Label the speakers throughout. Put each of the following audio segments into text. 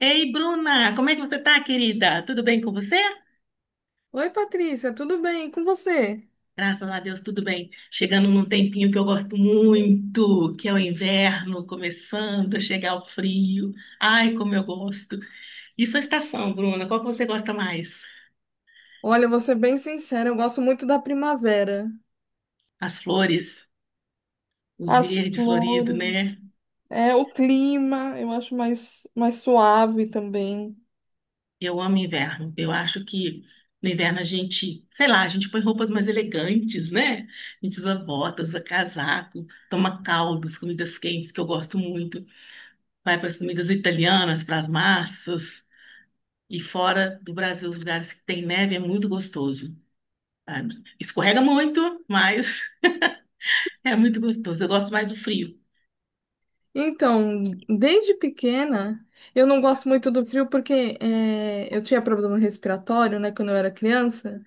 Speaker 1: Ei, Bruna, como é que você tá, querida? Tudo bem com você?
Speaker 2: Oi, Patrícia, tudo bem? E com você?
Speaker 1: Graças a Deus, tudo bem. Chegando num tempinho que eu gosto muito, que é o inverno, começando a chegar o frio. Ai, como eu gosto. E sua estação, Bruna, qual que você gosta mais?
Speaker 2: Olha, eu vou ser bem sincera, eu gosto muito da primavera.
Speaker 1: As flores, o
Speaker 2: As
Speaker 1: verde florido,
Speaker 2: flores,
Speaker 1: né?
Speaker 2: é o clima, eu acho mais, mais suave também.
Speaker 1: Eu amo inverno. Eu acho que no inverno a gente, sei lá, a gente põe roupas mais elegantes, né? A gente usa botas, usa casaco, toma caldos, comidas quentes, que eu gosto muito. Vai para as comidas italianas, para as massas. E fora do Brasil, os lugares que tem neve é muito gostoso, sabe? Escorrega muito, mas é muito gostoso. Eu gosto mais do frio.
Speaker 2: Então, desde pequena, eu não gosto muito do frio porque eu tinha problema respiratório, né, quando eu era criança.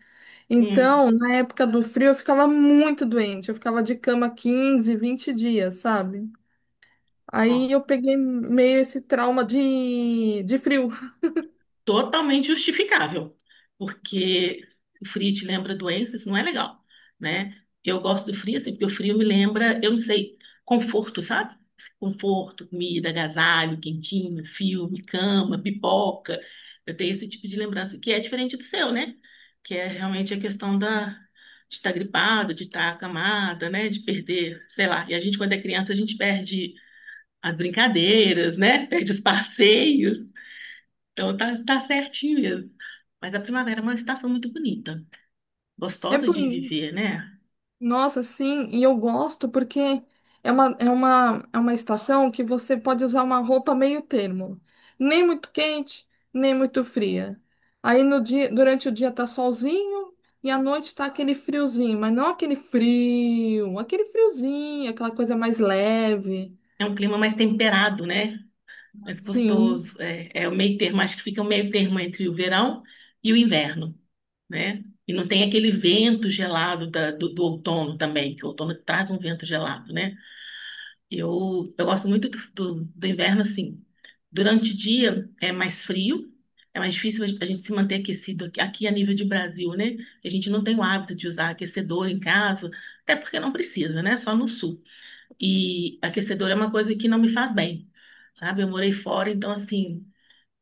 Speaker 1: Hum,
Speaker 2: Então, na época do frio, eu ficava muito doente. Eu ficava de cama 15, 20 dias, sabe? Aí
Speaker 1: ó.
Speaker 2: eu peguei meio esse trauma de frio.
Speaker 1: Totalmente justificável, porque o frio te lembra doença, isso não é legal, né? Eu gosto do frio, assim, porque o frio me lembra, eu não sei, conforto, sabe? Assim, conforto, comida, agasalho, quentinho, filme, cama, pipoca. Eu tenho esse tipo de lembrança, que é diferente do seu, né? Que é realmente a questão de estar gripada, de estar acamada, né? De perder, sei lá. E a gente, quando é criança, a gente perde as brincadeiras, né? Perde os passeios. Então tá, tá certinho mesmo. Mas a primavera é uma estação muito bonita,
Speaker 2: É
Speaker 1: gostosa de
Speaker 2: bonito.
Speaker 1: viver, né?
Speaker 2: Nossa, sim, e eu gosto porque é uma estação que você pode usar uma roupa meio termo, nem muito quente, nem muito fria. Aí no dia, durante o dia tá solzinho e à noite tá aquele friozinho, mas não aquele frio, aquele friozinho, aquela coisa mais leve.
Speaker 1: É um clima mais temperado, né? Mais
Speaker 2: Sim.
Speaker 1: gostoso. É, é o meio termo, acho que fica o meio termo entre o verão e o inverno, né? E não tem aquele vento gelado do outono também, que o outono traz um vento gelado, né? Eu gosto muito do inverno, assim. Durante o dia é mais frio, é mais difícil a gente se manter aquecido aqui, aqui a nível de Brasil, né? A gente não tem o hábito de usar aquecedor em casa, até porque não precisa, né? Só no sul. E aquecedor é uma coisa que não me faz bem, sabe? Eu morei fora, então, assim,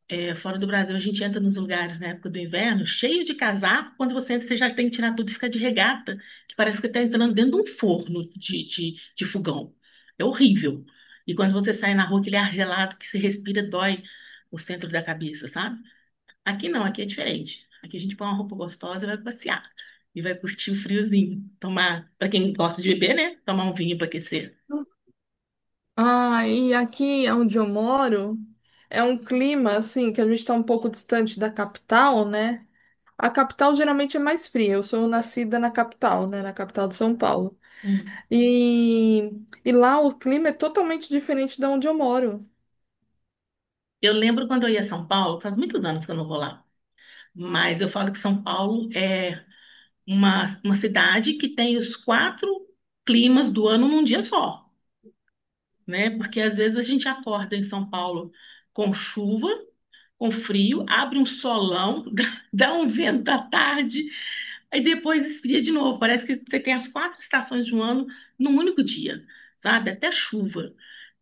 Speaker 1: é, fora do Brasil, a gente entra nos lugares na época do inverno, cheio de casaco. Quando você entra, você já tem que tirar tudo e fica de regata, que parece que está entrando dentro de um forno de fogão. É horrível. E quando você sai na rua, aquele ar gelado que se respira dói o centro da cabeça, sabe? Aqui não, aqui é diferente. Aqui a gente põe uma roupa gostosa e vai passear. E vai curtir o friozinho. Tomar, para quem gosta de beber, né? Tomar um vinho para aquecer.
Speaker 2: Ah, e aqui onde eu moro é um clima assim que a gente está um pouco distante da capital, né? A capital geralmente é mais fria. Eu sou nascida na capital, né? Na capital de São Paulo.
Speaker 1: Hum.
Speaker 2: E, e lá o clima é totalmente diferente de onde eu moro.
Speaker 1: Eu lembro quando eu ia a São Paulo, faz muitos anos que eu não vou lá. Mas eu falo que São Paulo é uma cidade que tem os quatro climas do ano num dia só, né? Porque às vezes a gente acorda em São Paulo com chuva, com frio, abre um solão, dá um vento à tarde, aí depois esfria de novo. Parece que você tem as quatro estações de um ano num único dia, sabe? Até chuva.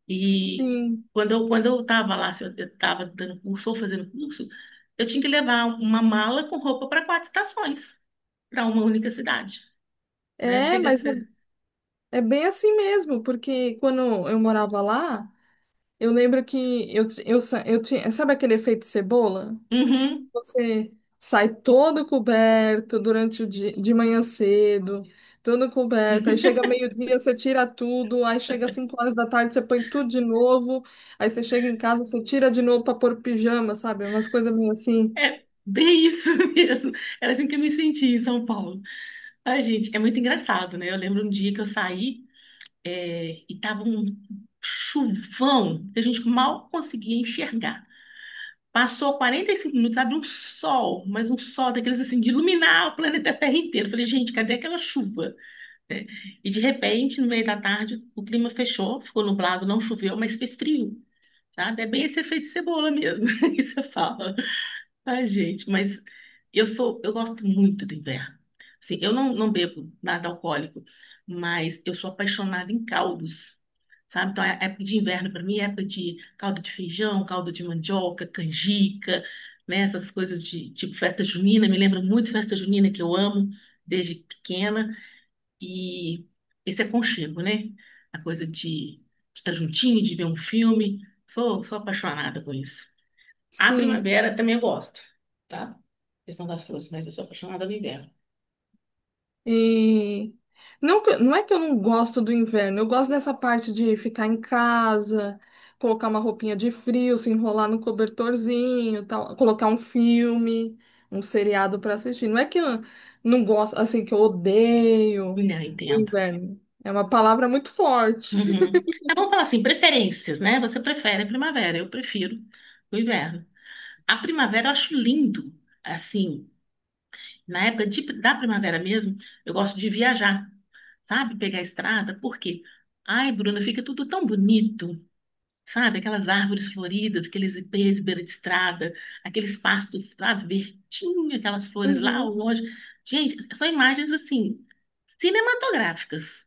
Speaker 1: E
Speaker 2: Sim.
Speaker 1: quando eu estava lá, se eu estava dando curso ou fazendo curso, eu tinha que levar uma mala com roupa para quatro estações, para uma única cidade, né?
Speaker 2: É,
Speaker 1: Chega a
Speaker 2: mas
Speaker 1: ser.
Speaker 2: é, é bem assim mesmo, porque quando eu morava lá, eu lembro que eu tinha. Sabe aquele efeito cebola?
Speaker 1: Uhum.
Speaker 2: Você sai todo coberto durante o dia, de manhã cedo, todo coberto. Aí chega meio-dia, você tira tudo. Aí chega às 5 horas da tarde, você põe tudo de novo. Aí você chega em casa, você tira de novo para pôr pijama, sabe? Umas coisas meio assim.
Speaker 1: É bem isso mesmo. Era assim que eu me senti em São Paulo. Ai, gente, é muito engraçado, né? Eu lembro um dia que eu saí, é, e tava um chuvão que a gente mal conseguia enxergar. Passou 45 minutos, abriu um sol, mas um sol daqueles assim, de iluminar o planeta Terra inteiro. Eu falei, gente, cadê aquela chuva? Né? E de repente, no meio da tarde, o clima fechou, ficou nublado, não choveu, mas fez frio, sabe? É bem esse efeito cebola mesmo, que você fala. Ai, gente, mas eu gosto muito do inverno. Assim, eu não, não bebo nada alcoólico, mas eu sou apaixonada em caldos, sabe? Então, a época de inverno para mim é época de caldo de feijão, caldo de mandioca, canjica, né? Essas coisas de tipo festa junina, me lembra muito festa junina que eu amo desde pequena e esse aconchego, né? A coisa de estar juntinho, de ver um filme. Sou apaixonada por isso. A
Speaker 2: Sim.
Speaker 1: primavera também eu gosto, tá? Questão das flores, mas eu sou apaixonada no inverno.
Speaker 2: E não, não é que eu não gosto do inverno, eu gosto dessa parte de ficar em casa, colocar uma roupinha de frio, se enrolar no cobertorzinho, tal, colocar um filme, um seriado para assistir. Não é que eu não gosto, assim, que eu odeio
Speaker 1: Não,
Speaker 2: o
Speaker 1: entendo.
Speaker 2: inverno. É uma palavra muito forte.
Speaker 1: Uhum. É bom falar assim, preferências, né? Você prefere a primavera, eu prefiro o inverno. A primavera eu acho lindo, assim, na época de- da primavera mesmo, eu gosto de viajar, sabe? Pegar a estrada, por quê? Ai, Bruna, fica tudo tão bonito. Sabe, aquelas árvores floridas, aqueles ipês beira de estrada, aqueles pastos, sabe, verdinho, aquelas flores lá ao
Speaker 2: Uhum.
Speaker 1: longe. Gente, são imagens assim, cinematográficas.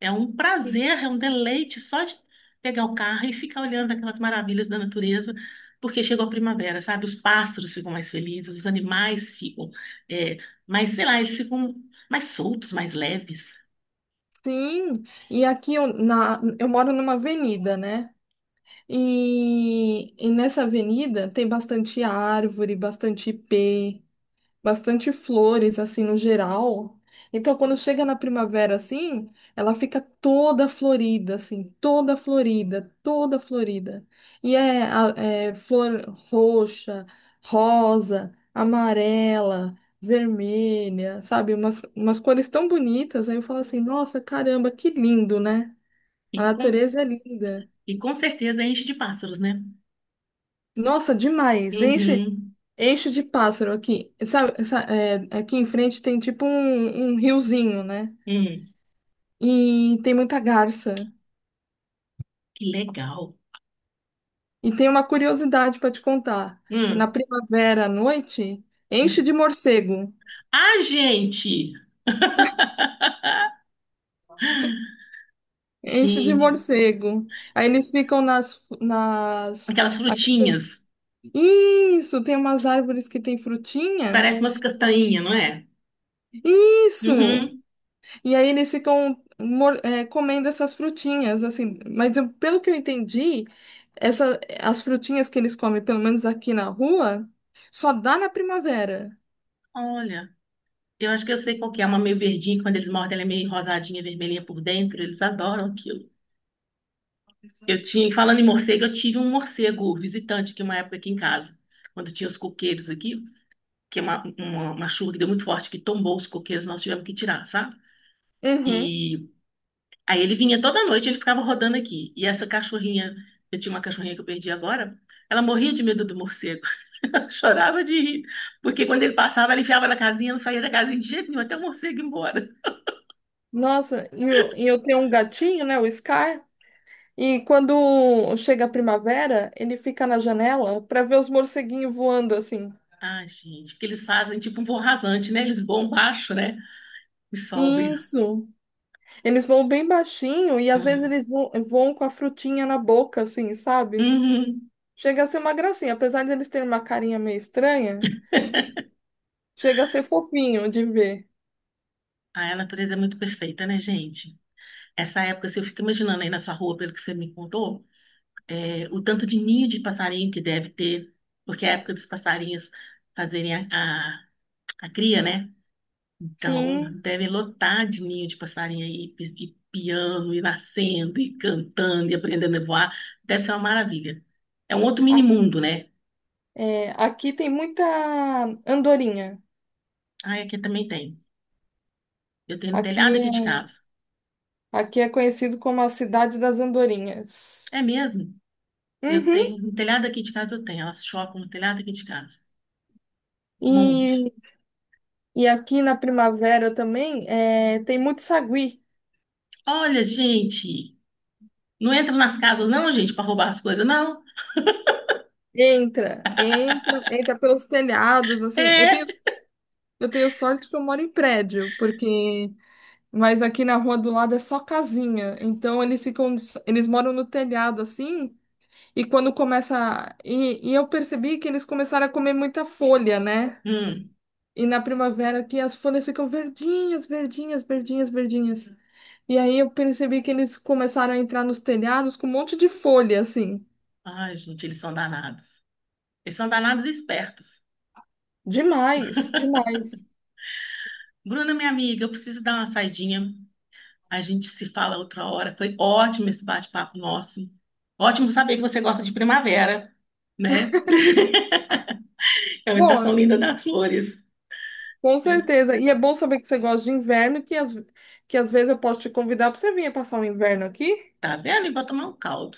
Speaker 1: É um
Speaker 2: Sim,
Speaker 1: prazer, é um deleite só de pegar o carro e ficar olhando aquelas maravilhas da natureza, porque chegou a primavera, sabe? Os pássaros ficam mais felizes, os animais ficam é, mais, sei lá, eles ficam mais soltos, mais leves.
Speaker 2: Sim. e aqui eu, eu moro numa avenida, né? E nessa avenida tem bastante árvore, bastante ipê. Bastante flores, assim, no geral. Então, quando chega na primavera, assim, ela fica toda florida, assim, toda florida, toda florida. E é, é flor roxa, rosa, amarela, vermelha, sabe? Umas cores tão bonitas. Aí eu falo assim, nossa, caramba, que lindo, né? A
Speaker 1: E com,
Speaker 2: natureza é linda.
Speaker 1: e com certeza enche de pássaros, né?
Speaker 2: Nossa, demais.
Speaker 1: Uhum.
Speaker 2: Enche de pássaro aqui. Sabe, é, aqui em frente tem tipo um riozinho, né?
Speaker 1: Hum.
Speaker 2: E tem muita garça.
Speaker 1: Que legal.
Speaker 2: E tem uma curiosidade para te contar. Na
Speaker 1: Hum.
Speaker 2: primavera à noite, enche de morcego.
Speaker 1: Ah, gente!
Speaker 2: Enche de
Speaker 1: Gente,
Speaker 2: morcego. Aí eles ficam nas...
Speaker 1: aquelas frutinhas.
Speaker 2: Isso, tem umas árvores que tem frutinha.
Speaker 1: Parece uma castanha, não é?
Speaker 2: Isso!
Speaker 1: Uhum.
Speaker 2: E aí eles ficam comendo essas frutinhas, assim. Mas pelo que eu entendi, as frutinhas que eles comem, pelo menos aqui na rua, só dá na primavera.
Speaker 1: Olha, eu acho que eu sei qual que é. Uma meio verdinha, que quando eles mordem, ela é meio rosadinha, vermelhinha por dentro. Eles adoram aquilo. Eu tinha, falando em morcego, eu tive um morcego visitante aqui uma época aqui em casa. Quando tinha os coqueiros aqui, que é uma chuva que deu muito forte, que tombou os coqueiros, nós tivemos que tirar, sabe?
Speaker 2: Uhum.
Speaker 1: E aí ele vinha toda noite, ele ficava rodando aqui. E essa cachorrinha, eu tinha uma cachorrinha que eu perdi agora, ela morria de medo do morcego. Ela chorava de rir, porque quando ele passava, ela enfiava na casinha, não saía da casinha de jeito nenhum, até o morcego ir embora.
Speaker 2: Nossa, e eu tenho um gatinho, né, o Scar, e quando chega a primavera, ele fica na janela para ver os morceguinhos voando assim.
Speaker 1: Ah, gente, porque eles fazem tipo um voo rasante, né? Eles voam baixo, né? E sobem.
Speaker 2: Isso. Eles voam bem baixinho e às vezes
Speaker 1: Uhum.
Speaker 2: eles voam com a frutinha na boca, assim, sabe?
Speaker 1: Uhum.
Speaker 2: Chega a ser uma gracinha, apesar de eles terem uma carinha meio estranha, chega a ser fofinho de ver.
Speaker 1: Ah, a natureza é muito perfeita, né, gente? Essa época, se eu fico imaginando aí na sua rua, pelo que você me contou, é, o tanto de ninho de passarinho que deve ter, porque é a época dos passarinhos fazerem a cria, né? Então,
Speaker 2: Sim,
Speaker 1: devem lotar de ninho de passarinho aí, e piando, e nascendo, e cantando, e aprendendo a voar. Deve ser uma maravilha. É um outro
Speaker 2: a-
Speaker 1: mini mundo, né?
Speaker 2: é, aqui tem muita andorinha.
Speaker 1: Ah, aqui também tem. Eu tenho no telhado
Speaker 2: Aqui
Speaker 1: aqui
Speaker 2: é,
Speaker 1: de casa.
Speaker 2: aqui é conhecido como a cidade das andorinhas.
Speaker 1: É mesmo? Eu
Speaker 2: Uhum.
Speaker 1: tenho no telhado aqui de casa, eu tenho. Elas chocam no telhado aqui de casa. Um monte.
Speaker 2: E, e aqui na primavera também é, tem muito sagui.
Speaker 1: Olha, gente, não entra nas casas, não, gente, para roubar as coisas, não.
Speaker 2: Entra, entra, entra pelos telhados, assim.
Speaker 1: É.
Speaker 2: Eu tenho sorte que eu moro em prédio, porque mas aqui na rua do lado é só casinha. Eles moram no telhado assim, e quando e eu percebi que eles começaram a comer muita folha, né?
Speaker 1: Hum.
Speaker 2: E na primavera aqui as folhas ficam verdinhas, verdinhas, verdinhas, verdinhas. E aí eu percebi que eles começaram a entrar nos telhados com um monte de folha assim.
Speaker 1: Ai, gente, eles são danados. Eles são danados e espertos.
Speaker 2: Demais, demais.
Speaker 1: Bruna, minha amiga, eu preciso dar uma saidinha. A gente se fala outra hora. Foi ótimo esse bate-papo nosso. Ótimo saber que você gosta de primavera, né? É uma estação
Speaker 2: Bom,
Speaker 1: linda das flores.
Speaker 2: com
Speaker 1: Né?
Speaker 2: certeza. E é bom saber que você gosta de inverno, que às vezes eu posso te convidar para você vir passar o inverno aqui.
Speaker 1: Tá vendo? E vou tomar um caldo.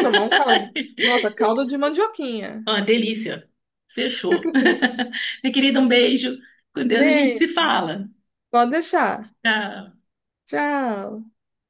Speaker 2: Tomar um caldo. Nossa, caldo de mandioquinha.
Speaker 1: Uma delícia. Fechou. Minha querida, um beijo. Com Deus a gente
Speaker 2: Bem,
Speaker 1: se fala.
Speaker 2: pode deixar.
Speaker 1: Tchau.
Speaker 2: Tchau.